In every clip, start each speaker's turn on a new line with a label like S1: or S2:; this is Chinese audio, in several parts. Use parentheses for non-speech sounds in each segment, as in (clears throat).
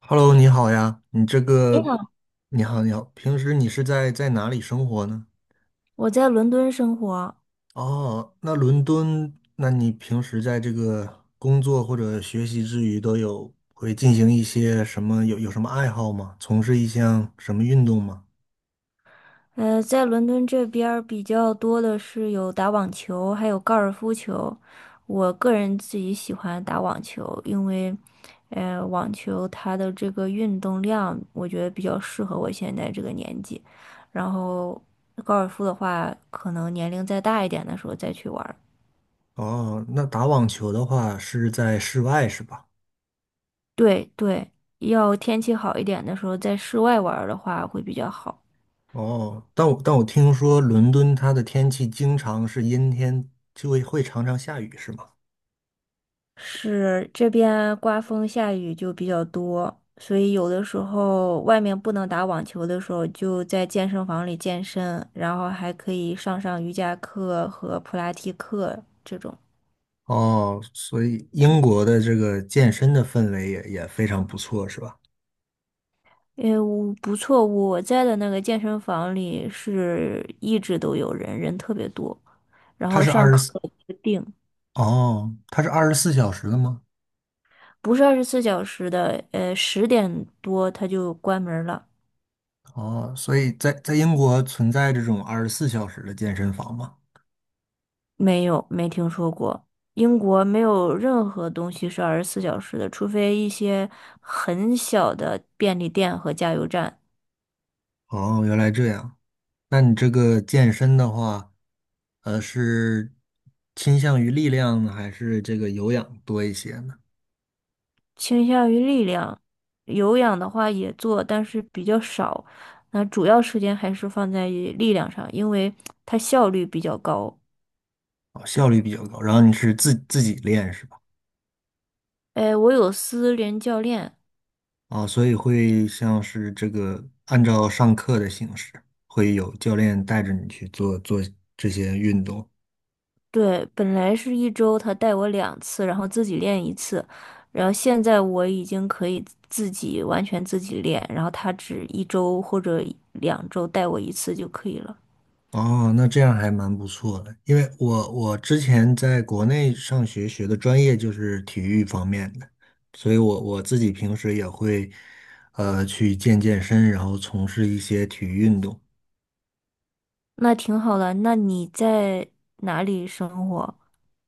S1: Hello，你好呀，你这
S2: 你
S1: 个，
S2: 好。
S1: 你好，你好，平时你是在哪里生活呢？
S2: 我在伦敦生活。
S1: 哦，那伦敦，那你平时在这个工作或者学习之余，都有会进行一些什么，有什么爱好吗？从事一项什么运动吗？
S2: 在伦敦这边儿比较多的是有打网球，还有高尔夫球。我个人自己喜欢打网球，因为，网球它的这个运动量，我觉得比较适合我现在这个年纪。然后高尔夫的话，可能年龄再大一点的时候再去玩儿。
S1: 哦，那打网球的话是在室外是吧？
S2: 对对，要天气好一点的时候，在室外玩儿的话会比较好。
S1: 哦，但我听说伦敦它的天气经常是阴天，就会常常下雨是吗？
S2: 是这边刮风下雨就比较多，所以有的时候外面不能打网球的时候，就在健身房里健身，然后还可以上上瑜伽课和普拉提课这种。
S1: 哦，所以英国的这个健身的氛围也非常不错，是吧？
S2: 诶，我不错，我在的那个健身房里是一直都有人，人特别多，然
S1: 它
S2: 后
S1: 是
S2: 上
S1: 二十
S2: 课
S1: 四，
S2: 不定，
S1: 哦，它是二十四小时的吗？
S2: 不是二十四小时的，10点多他就关门了。
S1: 哦，所以在英国存在这种二十四小时的健身房吗？
S2: 没有，没听说过。英国没有任何东西是二十四小时的，除非一些很小的便利店和加油站。
S1: 哦，原来这样。那你这个健身的话，是倾向于力量呢，还是这个有氧多一些呢？
S2: 倾向于力量，有氧的话也做，但是比较少。那主要时间还是放在于力量上，因为它效率比较高。
S1: 哦，效率比较高。然后你是自己练是吧？
S2: 哎，我有私人教练。
S1: 啊，所以会像是这个按照上课的形式，会有教练带着你去做这些运动。
S2: 对，本来是一周他带我两次，然后自己练一次，然后现在我已经可以自己完全自己练，然后他只一周或者2周带我一次就可以了。
S1: 哦，那这样还蛮不错的，因为我之前在国内上学，学的专业就是体育方面的，所以我自己平时也会去健身，然后从事一些体育运动。
S2: 那挺好的。那你在哪里生活？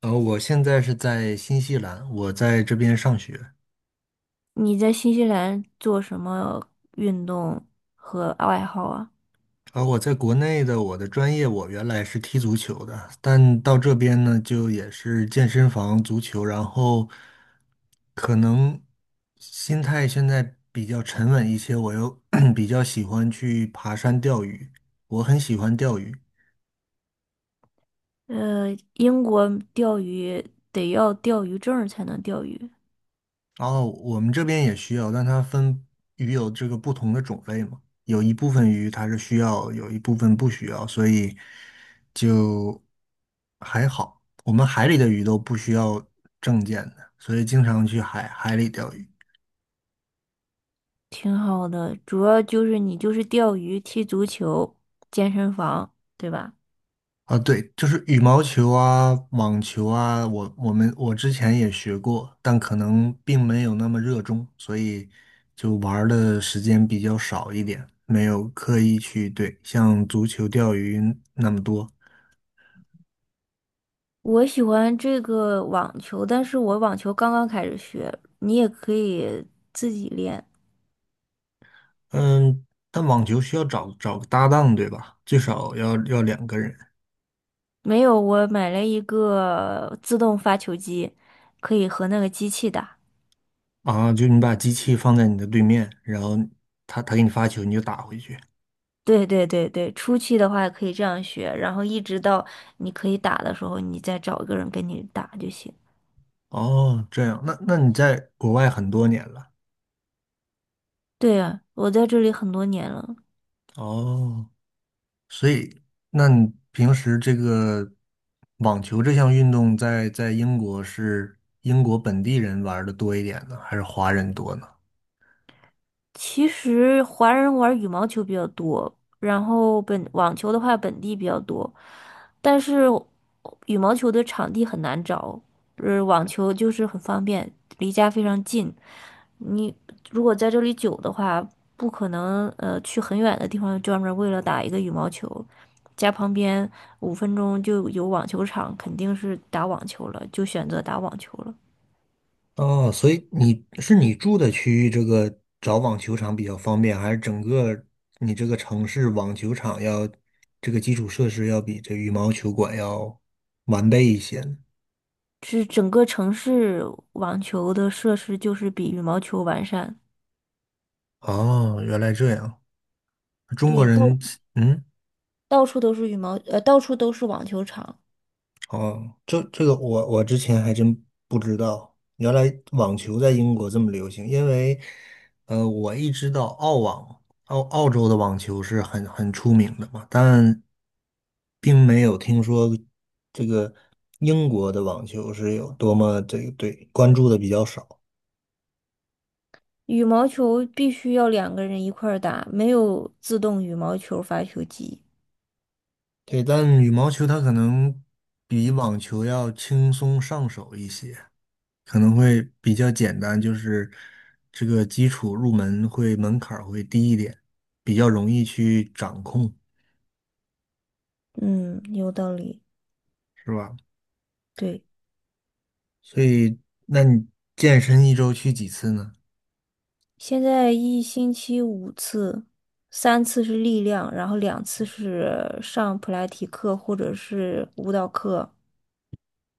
S1: 我现在是在新西兰，我在这边上学。
S2: 你在新西兰做什么运动和爱好啊？
S1: 啊，我在国内的我的专业，我原来是踢足球的，但到这边呢，就也是健身房足球，然后可能心态现在比较沉稳一些，我又 (clears throat) 比较喜欢去爬山钓鱼，我很喜欢钓鱼。
S2: 英国钓鱼得要钓鱼证儿才能钓鱼。
S1: 然后我们这边也需要，但它分鱼有这个不同的种类嘛，有一部分鱼它是需要，有一部分不需要，所以就还好。我们海里的鱼都不需要证件的，所以经常去海里钓鱼。
S2: 挺好的，主要就是你就是钓鱼、踢足球、健身房，对吧？
S1: 啊，对，就是羽毛球啊、网球啊，我之前也学过，但可能并没有那么热衷，所以就玩儿的时间比较少一点，没有刻意去对像足球、钓鱼那么多。
S2: 我喜欢这个网球，但是我网球刚刚开始学，你也可以自己练。
S1: 嗯，但网球需要找个搭档，对吧？最少要两个人
S2: 没有，我买了一个自动发球机，可以和那个机器打。
S1: 啊，就你把机器放在你的对面，然后他给你发球，你就打回去。
S2: 对对对对，初期的话可以这样学，然后一直到你可以打的时候，你再找一个人跟你打就行。
S1: 哦，这样，那你在国外很多年了。
S2: 对啊，我在这里很多年了。
S1: 哦，所以，那你平时这个网球这项运动在英国是英国本地人玩的多一点呢，还是华人多呢？
S2: 其实华人玩羽毛球比较多，然后网球的话本地比较多，但是羽毛球的场地很难找，网球就是很方便，离家非常近。你如果在这里久的话，不可能去很远的地方专门为了打一个羽毛球，家旁边5分钟就有网球场，肯定是打网球了，就选择打网球了。
S1: 哦，所以你是你住的区域这个找网球场比较方便，还是整个你这个城市网球场要这个基础设施要比这羽毛球馆要完备一些呢？
S2: 是整个城市网球的设施就是比羽毛球完善。
S1: 哦，原来这样，中国
S2: 对，
S1: 人，嗯，
S2: 到处都是网球场。
S1: 哦，这个我之前还真不知道，原来网球在英国这么流行。因为，我一知道澳网，澳洲的网球是很出名的嘛，但并没有听说这个英国的网球是有多么这个对关注的比较少。
S2: 羽毛球必须要两个人一块儿打，没有自动羽毛球发球机。
S1: 对，但羽毛球它可能比网球要轻松上手一些。可能会比较简单，就是这个基础入门会门槛儿会低一点，比较容易去掌控，
S2: 嗯，有道理。
S1: 是吧？
S2: 对，
S1: 所以，那你健身一周去几次呢？
S2: 现在一星期五次，三次是力量，然后两次是上普拉提课或者是舞蹈课。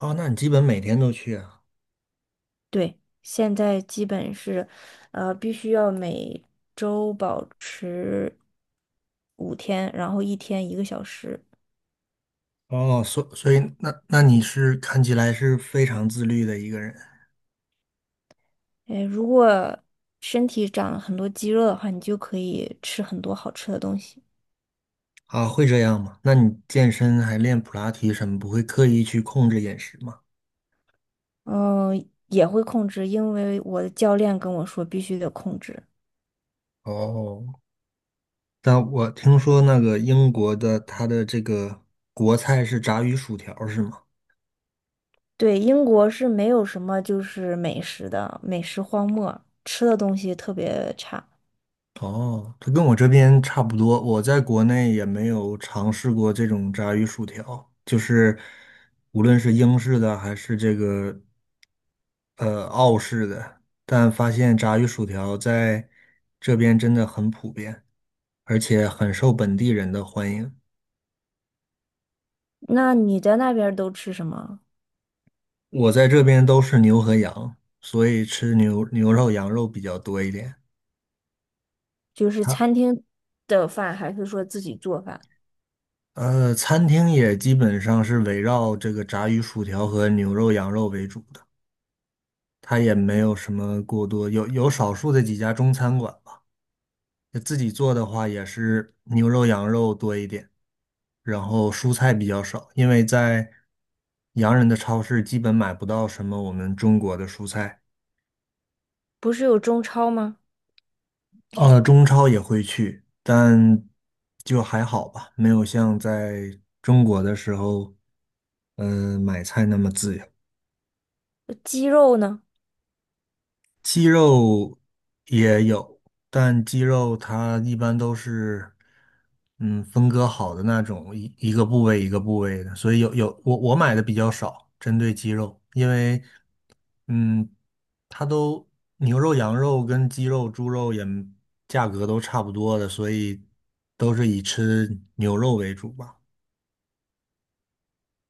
S1: 哦，那你基本每天都去啊？
S2: 对，现在基本是，必须要每周保持5天，然后一天一个小时。
S1: 哦，所以那你是看起来是非常自律的一个人
S2: 诶，如果身体长了很多肌肉的话，你就可以吃很多好吃的东西。
S1: 啊，会这样吗？那你健身还练普拉提什么，不会刻意去控制饮食吗？
S2: 嗯，也会控制，因为我的教练跟我说必须得控制。
S1: 哦，但我听说那个英国的他的这个国菜是炸鱼薯条，是吗？
S2: 对，英国是没有什么就是美食的，美食荒漠，吃的东西特别差。
S1: 哦，它跟我这边差不多，我在国内也没有尝试过这种炸鱼薯条，就是无论是英式的还是这个澳式的，但发现炸鱼薯条在这边真的很普遍，而且很受本地人的欢迎。
S2: 那你在那边儿都吃什么？
S1: 我在这边都是牛和羊，所以吃牛肉、羊肉比较多一点。
S2: 就是
S1: 它
S2: 餐厅的饭，还是说自己做饭？
S1: 餐厅也基本上是围绕这个炸鱼薯条和牛肉、羊肉为主的。它也没有什么过多，有有少数的几家中餐馆吧。就自己做的话，也是牛肉、羊肉多一点，然后蔬菜比较少，因为在洋人的超市基本买不到什么我们中国的蔬菜。
S2: 不是有中超吗？
S1: 中超也会去，但就还好吧，没有像在中国的时候，嗯、买菜那么自由。
S2: 鸡肉呢？
S1: 鸡肉也有，但鸡肉它一般都是，嗯，分割好的那种，一个部位一个部位的，所以有有我我买的比较少，针对鸡肉，因为，嗯，它都牛肉、羊肉跟鸡肉、猪肉也价格都差不多的，所以都是以吃牛肉为主吧。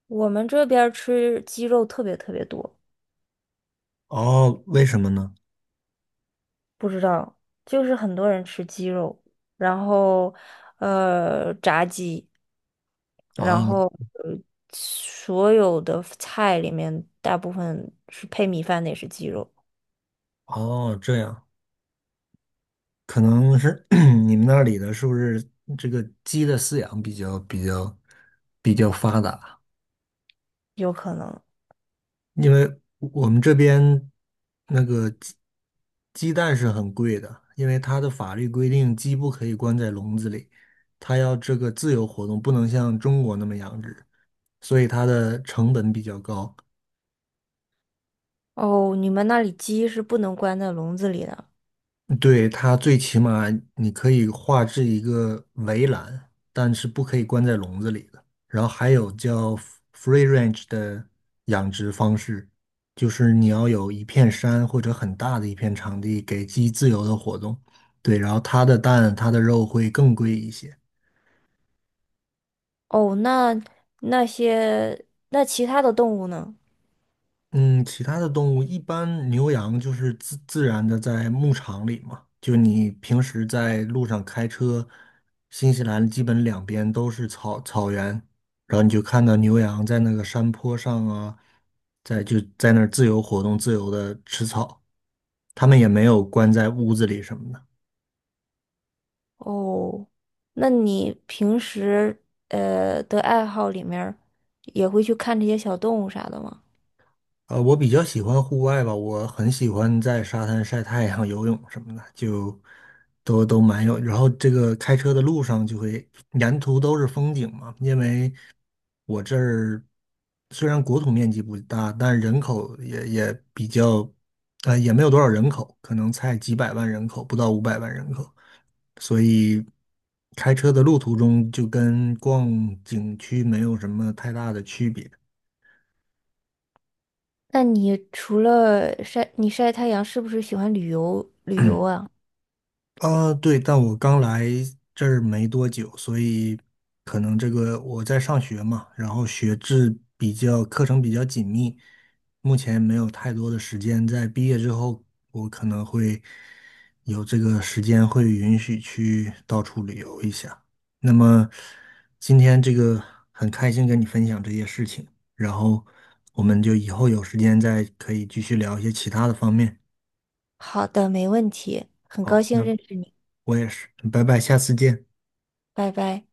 S2: 我们这边儿吃鸡肉特别特别多。
S1: 哦，为什么呢？
S2: 不知道，就是很多人吃鸡肉，然后炸鸡，然
S1: 啊，
S2: 后呃所有的菜里面大部分是配米饭的，也是鸡肉，
S1: 哦，这样。可能是 (clears throat) 你们那里的是不是这个鸡的饲养比较发达？
S2: 有可能。
S1: 因为我们这边那个鸡蛋是很贵的，因为它的法律规定鸡不可以关在笼子里，它要这个自由活动，不能像中国那么养殖，所以它的成本比较高。
S2: 哦，你们那里鸡是不能关在笼子里的。
S1: 对，它最起码你可以画制一个围栏，但是不可以关在笼子里的。然后还有叫 r e e range 的养殖方式，就是你要有一片山或者很大的一片场地给鸡自由的活动。对，然后它的蛋、它的肉会更贵一些。
S2: 哦，那其他的动物呢？
S1: 嗯，其他的动物一般牛羊就是自然的在牧场里嘛，就你平时在路上开车，新西兰基本两边都是草原，然后你就看到牛羊在那个山坡上啊，在就在那儿自由活动，自由的吃草，它们也没有关在屋子里什么的。
S2: 哦，那你平时的爱好里面儿也会去看这些小动物啥的吗？
S1: 我比较喜欢户外吧，我很喜欢在沙滩晒太阳、游泳什么的，就都蛮有。然后这个开车的路上就会沿途都是风景嘛，因为我这儿虽然国土面积不大，但人口也比较，也没有多少人口，可能才几百万人口，不到500万人口，所以开车的路途中就跟逛景区没有什么太大的区别。
S2: 那你除了晒，你晒太阳是不是喜欢旅游旅游啊？
S1: 啊，对，但我刚来这儿没多久，所以可能这个我在上学嘛，然后学制比较，课程比较紧密，目前没有太多的时间。在毕业之后，我可能会有这个时间，会允许去到处旅游一下。那么今天这个很开心跟你分享这些事情，然后我们就以后有时间再可以继续聊一些其他的方面。
S2: 好的，没问题，很高
S1: 好，
S2: 兴
S1: 那
S2: 认识你，
S1: 我也是，拜拜，下次见。
S2: 拜拜。